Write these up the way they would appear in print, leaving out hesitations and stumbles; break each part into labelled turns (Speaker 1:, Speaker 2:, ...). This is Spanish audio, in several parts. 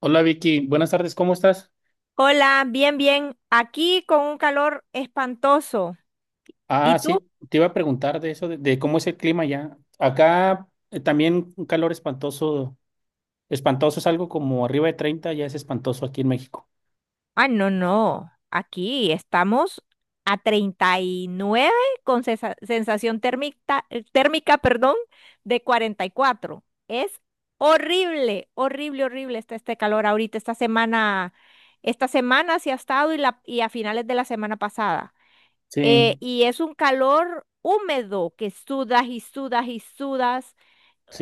Speaker 1: Hola Vicky, buenas tardes, ¿cómo estás?
Speaker 2: Hola, bien, bien. Aquí con un calor espantoso. ¿Y
Speaker 1: Ah,
Speaker 2: tú?
Speaker 1: sí, te iba a preguntar de eso, de cómo es el clima ya. Acá también un calor espantoso, espantoso es algo como arriba de 30 ya es espantoso aquí en México.
Speaker 2: Ah, no, no. Aquí estamos a 39 con sensación térmica, térmica, perdón, de 44. Es horrible, horrible, horrible está este calor ahorita, esta semana sí ha estado y a finales de la semana pasada.
Speaker 1: Sí,
Speaker 2: Y es un calor húmedo que sudas y sudas y sudas.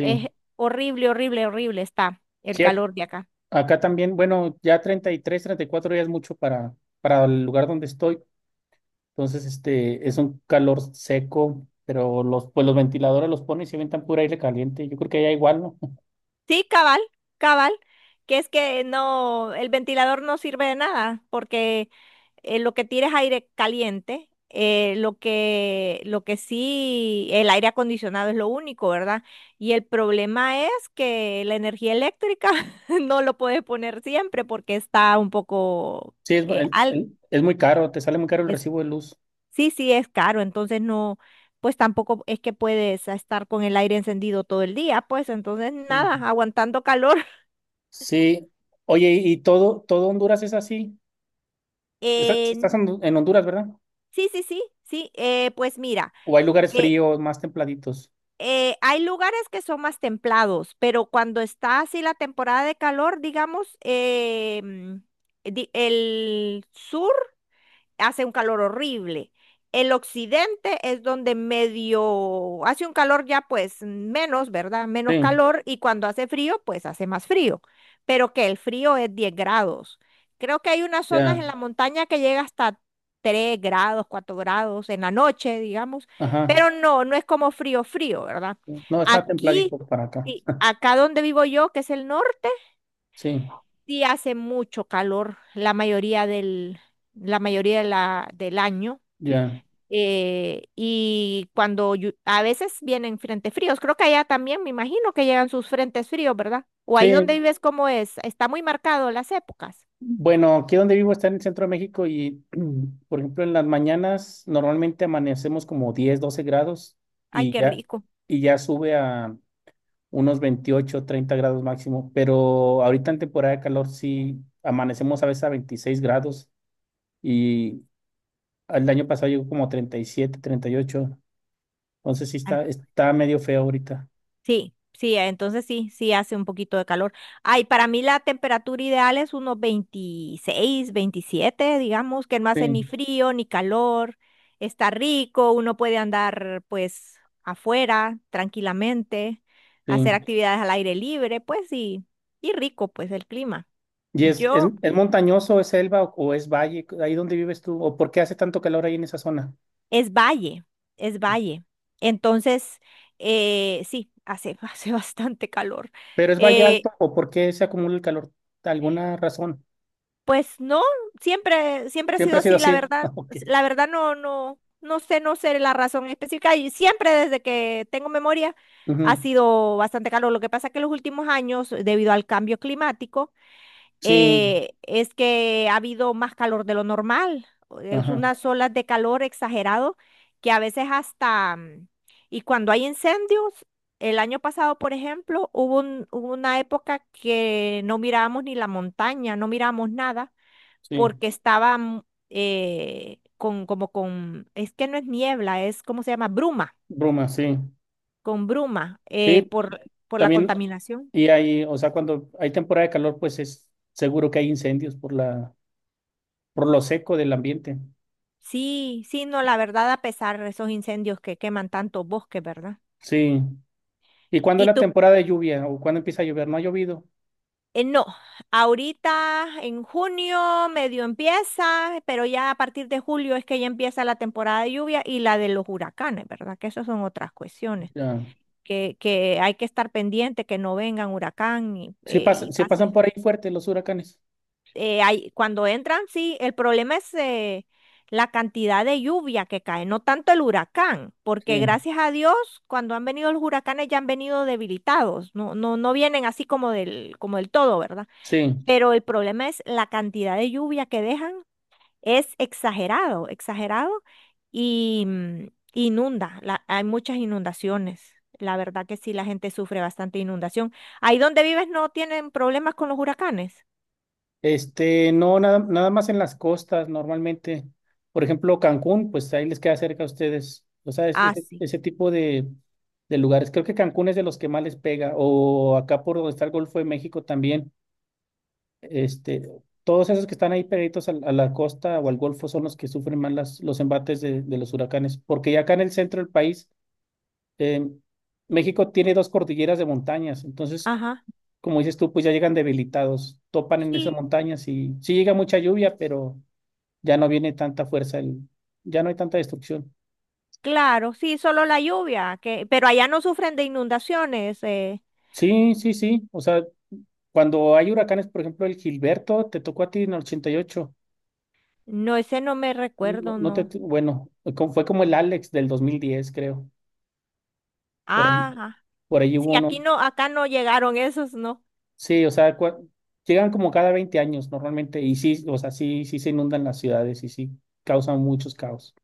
Speaker 2: Es horrible, horrible, horrible está el
Speaker 1: sí, ac-
Speaker 2: calor de acá.
Speaker 1: Acá también, bueno, ya treinta y tres, treinta y cuatro ya es mucho para el lugar donde estoy. Entonces, este, es un calor seco, pero pues los ventiladores los ponen y se ventan pura aire caliente. Yo creo que allá igual, ¿no?
Speaker 2: Sí, cabal, cabal, que es que no, el ventilador no sirve de nada, porque lo que tira es aire caliente, lo que sí, el aire acondicionado es lo único, ¿verdad? Y el problema es que la energía eléctrica no lo puedes poner siempre porque está un poco
Speaker 1: Sí, es,
Speaker 2: alto.
Speaker 1: es muy caro, te sale muy caro el recibo de luz.
Speaker 2: Sí, sí, es caro, entonces no, pues tampoco es que puedes estar con el aire encendido todo el día, pues entonces
Speaker 1: Sí.
Speaker 2: nada, aguantando calor.
Speaker 1: Sí. Oye, ¿y todo Honduras es así?
Speaker 2: Eh,
Speaker 1: ¿Estás en Honduras, ¿verdad?
Speaker 2: sí, sí, sí, sí, pues mira,
Speaker 1: ¿O hay lugares
Speaker 2: eh,
Speaker 1: fríos, más templaditos?
Speaker 2: hay lugares que son más templados, pero cuando está así la temporada de calor, digamos, el sur hace un calor horrible. El occidente es donde medio hace un calor ya pues menos, ¿verdad? Menos
Speaker 1: Sí,
Speaker 2: calor y cuando hace frío pues hace más frío, pero que el frío es 10 grados. Creo que hay unas zonas
Speaker 1: ya.
Speaker 2: en la montaña que llega hasta 3 grados, 4 grados en la noche, digamos,
Speaker 1: Ajá.
Speaker 2: pero no, no es como frío, frío, ¿verdad?
Speaker 1: No, está
Speaker 2: Aquí,
Speaker 1: templadito para acá.
Speaker 2: sí, acá donde vivo yo, que es el norte,
Speaker 1: Sí,
Speaker 2: sí hace mucho calor la mayoría de del año
Speaker 1: ya.
Speaker 2: y cuando a veces vienen frentes fríos, creo que allá también me imagino que llegan sus frentes fríos, ¿verdad? O
Speaker 1: Sí,
Speaker 2: ahí donde vives, ¿cómo es? Está muy marcado las épocas.
Speaker 1: bueno, aquí donde vivo está en el centro de México y, por ejemplo, en las mañanas normalmente amanecemos como 10, 12 grados
Speaker 2: Ay,
Speaker 1: y
Speaker 2: qué
Speaker 1: ya,
Speaker 2: rico.
Speaker 1: y ya sube a unos 28, 30 grados máximo, pero ahorita en temporada de calor sí amanecemos a veces a 26 grados. Y el año pasado llegó como treinta y siete, treinta y ocho. Entonces sí está, está medio feo ahorita.
Speaker 2: Sí, sí, entonces sí, sí hace un poquito de calor. Ay, para mí la temperatura ideal es unos 26, 27, digamos, que no hace ni
Speaker 1: Sí,
Speaker 2: frío ni calor, está rico, uno puede andar pues afuera tranquilamente, hacer
Speaker 1: sí.
Speaker 2: actividades al aire libre, pues sí, y rico pues el clima.
Speaker 1: ¿Y
Speaker 2: Yo
Speaker 1: es montañoso, es selva o es valle? ¿Ahí donde vives tú? ¿O por qué hace tanto calor ahí en esa zona?
Speaker 2: es valle, es valle. Entonces, sí, hace, hace bastante calor.
Speaker 1: ¿Pero es valle alto
Speaker 2: Eh,
Speaker 1: o por qué se acumula el calor? ¿Alguna razón?
Speaker 2: Pues no, siempre, siempre ha
Speaker 1: ¿Siempre
Speaker 2: sido
Speaker 1: ha sido
Speaker 2: así,
Speaker 1: así? Ok.
Speaker 2: la verdad no, no, no sé, no sé la razón específica y siempre desde que tengo memoria ha
Speaker 1: Ujú.
Speaker 2: sido bastante calor. Lo que pasa es que en los últimos años, debido al cambio climático,
Speaker 1: Sí,
Speaker 2: es que ha habido más calor de lo normal. Es
Speaker 1: ajá,
Speaker 2: unas olas de calor exagerado que a veces hasta, y cuando hay incendios, el año pasado, por ejemplo, hubo una época que no mirábamos ni la montaña, no mirábamos nada
Speaker 1: sí.
Speaker 2: porque estaba como con, es que no es niebla, es, ¿cómo se llama? Bruma,
Speaker 1: Bruma, sí.
Speaker 2: con bruma,
Speaker 1: Sí,
Speaker 2: por la
Speaker 1: también.
Speaker 2: contaminación.
Speaker 1: Y hay, o sea, cuando hay temporada de calor, pues es seguro que hay incendios por lo seco del ambiente.
Speaker 2: Sí, sí, no, la verdad, a pesar de esos incendios que queman tantos bosques, ¿verdad?
Speaker 1: Sí. ¿Y cuándo es
Speaker 2: Y
Speaker 1: la
Speaker 2: tú,
Speaker 1: temporada de lluvia o cuándo empieza a llover? No ha llovido.
Speaker 2: no, ahorita en junio medio empieza, pero ya a partir de julio es que ya empieza la temporada de lluvia y la de los huracanes, ¿verdad? Que esas son otras cuestiones,
Speaker 1: Ya.
Speaker 2: que hay que estar pendiente, que no vengan huracán
Speaker 1: Sí,
Speaker 2: y
Speaker 1: sí
Speaker 2: pase.
Speaker 1: pasan por ahí fuertes los huracanes.
Speaker 2: Cuando entran, sí, el problema es la cantidad de lluvia que cae, no tanto el huracán, porque
Speaker 1: Sí,
Speaker 2: gracias a Dios, cuando han venido los huracanes ya han venido debilitados, no, no, no vienen así como del todo, ¿verdad?
Speaker 1: sí.
Speaker 2: Pero el problema es la cantidad de lluvia que dejan, es exagerado, exagerado, y mm, inunda, hay muchas inundaciones. La verdad que sí, la gente sufre bastante inundación. Ahí donde vives no tienen problemas con los huracanes.
Speaker 1: Este, no, nada más en las costas normalmente. Por ejemplo, Cancún, pues ahí les queda cerca a ustedes. O sea,
Speaker 2: Ah, sí.
Speaker 1: ese tipo de lugares. Creo que Cancún es de los que más les pega. O acá por donde está el Golfo de México también. Este, todos esos que están ahí pegaditos la costa o al Golfo son los que sufren más los embates de los huracanes. Porque ya acá en el centro del país Eh, México tiene dos cordilleras de montañas, entonces,
Speaker 2: Ajá.
Speaker 1: como dices tú, pues ya llegan debilitados, topan en esas
Speaker 2: Sí,
Speaker 1: montañas y sí llega mucha lluvia, pero ya no viene tanta ya no hay tanta destrucción.
Speaker 2: claro, sí, solo la lluvia, que, pero allá no sufren de inundaciones,
Speaker 1: Sí, sí, sí, o sea, cuando hay huracanes, por ejemplo, el Gilberto te tocó a ti en el 88,
Speaker 2: no, ese no me
Speaker 1: no,
Speaker 2: recuerdo,
Speaker 1: no te,
Speaker 2: no.
Speaker 1: bueno, como- fue como el Alex del 2010, creo, por ahí,
Speaker 2: Ajá,
Speaker 1: por ahí hubo
Speaker 2: sí, aquí
Speaker 1: uno.
Speaker 2: no, acá no llegaron esos, no.
Speaker 1: Sí, o sea, llegan como cada 20 años normalmente y sí, o sea, sí, sí se inundan las ciudades y sí causan muchos caos.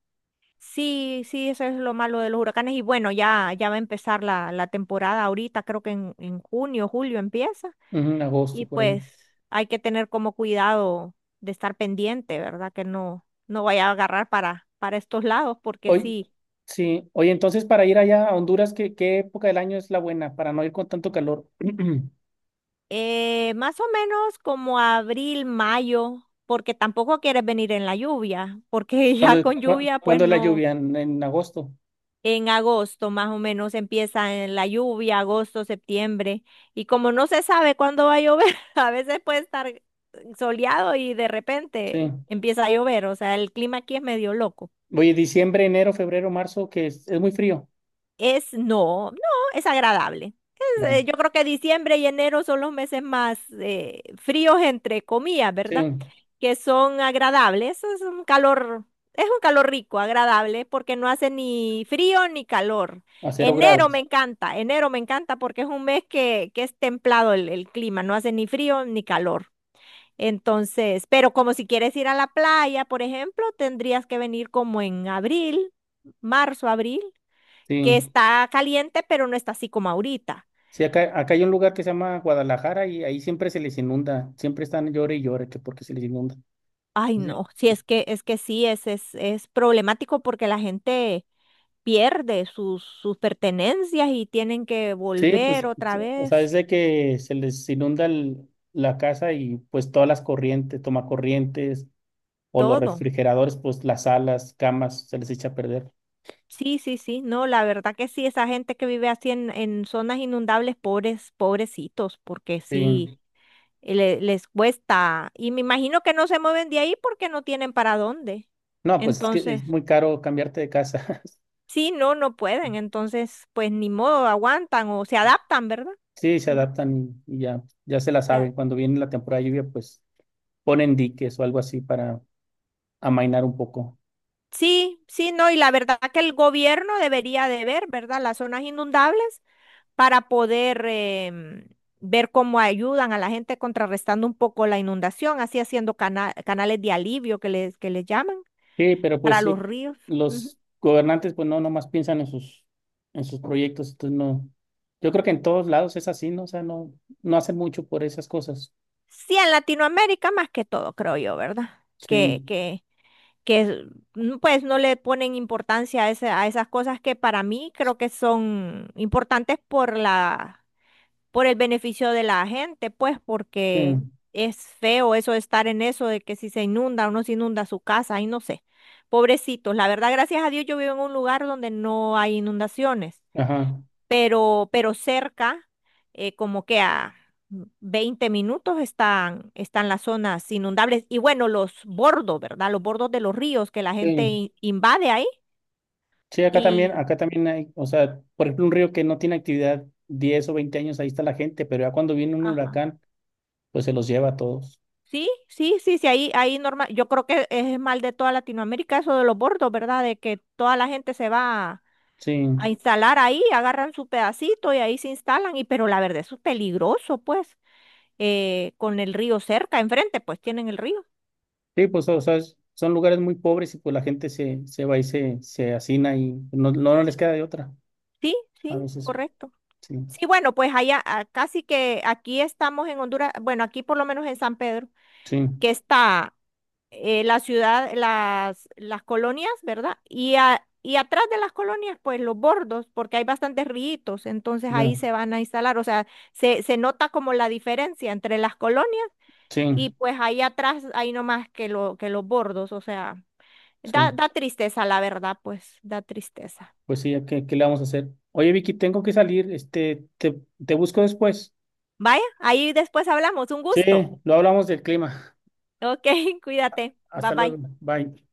Speaker 2: Sí, sí, eso es lo malo de los huracanes y bueno, ya, ya va a empezar la, la temporada ahorita, creo que en junio, julio empieza
Speaker 1: Ujú. En agosto,
Speaker 2: y
Speaker 1: por ahí.
Speaker 2: pues hay que tener como cuidado de estar pendiente, ¿verdad? Que no, no vaya a agarrar para estos lados porque
Speaker 1: Hoy,
Speaker 2: sí.
Speaker 1: sí, oye, entonces para ir allá a Honduras, qué época del año es la buena para no ir con tanto calor?
Speaker 2: Más o menos como abril, mayo, porque tampoco quieres venir en la lluvia, porque ya con lluvia, pues
Speaker 1: Cuando es la
Speaker 2: no.
Speaker 1: lluvia? En agosto,
Speaker 2: En agosto más o menos empieza en la lluvia, agosto, septiembre. Y como no se sabe cuándo va a llover, a veces puede estar soleado y de
Speaker 1: sí.
Speaker 2: repente empieza a llover. O sea, el clima aquí es medio loco.
Speaker 1: Oye, diciembre, enero, febrero, marzo, que es muy frío.
Speaker 2: Es, no, no, es agradable. Es,
Speaker 1: Ya.
Speaker 2: yo creo que diciembre y enero son los meses más fríos, entre comillas,
Speaker 1: Sí,
Speaker 2: ¿verdad? Que son agradables. Es un calor rico, agradable, porque no hace ni frío ni calor.
Speaker 1: a cero grados,
Speaker 2: Enero me encanta porque es un mes que es templado el clima, no hace ni frío ni calor. Entonces, pero como si quieres ir a la playa, por ejemplo, tendrías que venir como en abril, marzo, abril que
Speaker 1: sí.
Speaker 2: está caliente, pero no está así como ahorita.
Speaker 1: Sí, acá hay un lugar que se llama Guadalajara y ahí siempre se les inunda, siempre están llore y llore que porque se les inunda.
Speaker 2: Ay,
Speaker 1: Entonces,
Speaker 2: no, sí, es que sí, es problemático porque la gente pierde sus, sus pertenencias y tienen que
Speaker 1: sí,
Speaker 2: volver
Speaker 1: pues,
Speaker 2: otra
Speaker 1: o sea,
Speaker 2: vez,
Speaker 1: es de que se les inunda la casa y pues todas las corrientes, tomacorrientes o los
Speaker 2: todo.
Speaker 1: refrigeradores, pues las salas, camas, se les echa a perder.
Speaker 2: Sí, sí, sí, no, la verdad que sí, esa gente que vive así en zonas inundables, pobres, pobrecitos, porque
Speaker 1: Sí.
Speaker 2: sí, les cuesta. Y me imagino que no se mueven de ahí porque no tienen para dónde.
Speaker 1: No, pues es que es
Speaker 2: Entonces...
Speaker 1: muy caro cambiarte de casa.
Speaker 2: Sí, no, no pueden. Entonces, pues ni modo, aguantan o se adaptan, ¿verdad?
Speaker 1: Sí, se
Speaker 2: No,
Speaker 1: adaptan y ya, ya se la saben.
Speaker 2: ya.
Speaker 1: Cuando viene la temporada de lluvia, pues ponen diques o algo así para amainar un poco.
Speaker 2: Sí, sí, no. Y la verdad que el gobierno debería de ver, ¿verdad? Las zonas inundables para poder ver cómo ayudan a la gente contrarrestando un poco la inundación, así haciendo canales de alivio que les llaman
Speaker 1: Sí, pero pues
Speaker 2: para los
Speaker 1: sí,
Speaker 2: ríos. Ujú.
Speaker 1: los gobernantes pues no nomás piensan en sus proyectos, entonces no. Yo creo que en todos lados es así, ¿no? O sea, no hacen mucho por esas cosas.
Speaker 2: Sí, en Latinoamérica más que todo, creo yo, ¿verdad?
Speaker 1: Sí.
Speaker 2: Que es- pues no le ponen importancia a, a esas cosas que para mí creo que son importantes por la, por el beneficio de la gente, pues
Speaker 1: Sí.
Speaker 2: porque es feo eso de estar en eso de que si se inunda o no se inunda su casa, y no sé. Pobrecitos, la verdad, gracias a Dios yo vivo en un lugar donde no hay inundaciones
Speaker 1: Ajá.
Speaker 2: pero cerca, como que a 20 minutos están, están las zonas inundables y bueno, los bordos, ¿verdad? Los bordos de los ríos que la gente
Speaker 1: Sí.
Speaker 2: invade ahí
Speaker 1: Sí,
Speaker 2: y,
Speaker 1: acá también hay, o sea, por ejemplo, un río que no tiene actividad 10 o 20 años, ahí está la gente, pero ya cuando viene un
Speaker 2: ajá.
Speaker 1: huracán, pues se los lleva a todos.
Speaker 2: Sí, sí, sí, sí, ahí, ahí normal, yo creo que es mal de toda Latinoamérica eso de los bordos, ¿verdad? De que toda la gente se va
Speaker 1: Sí.
Speaker 2: a instalar ahí, agarran su pedacito y ahí se instalan, y pero la verdad eso es peligroso, pues, con el río cerca, enfrente, pues tienen el río.
Speaker 1: Sí, pues o sea, son lugares muy pobres y pues la gente se va y se hacina y no les queda de otra
Speaker 2: Sí, sí,
Speaker 1: a veces.
Speaker 2: correcto.
Speaker 1: Sí.
Speaker 2: Sí, bueno, pues allá casi que aquí estamos en Honduras, bueno, aquí por lo menos en San Pedro,
Speaker 1: Sí,
Speaker 2: que está la ciudad, las colonias, ¿verdad? Y, y atrás de las colonias, pues los bordos, porque hay bastantes ríos, entonces ahí
Speaker 1: ya,
Speaker 2: se van a instalar, o sea, se nota como la diferencia entre las colonias
Speaker 1: sí,
Speaker 2: y pues ahí atrás hay no más que, lo, que los bordos, o sea, da,
Speaker 1: sí.
Speaker 2: da tristeza, la verdad, pues da tristeza.
Speaker 1: Pues sí, ¿a ¿qué, qué le vamos a hacer? Oye, Vicky, tengo que salir. Este, te busco después.
Speaker 2: Vaya, ahí después hablamos, un
Speaker 1: Sí,
Speaker 2: gusto.
Speaker 1: lo hablamos del clima.
Speaker 2: Ok, cuídate, bye
Speaker 1: Hasta luego.
Speaker 2: bye.
Speaker 1: Bye.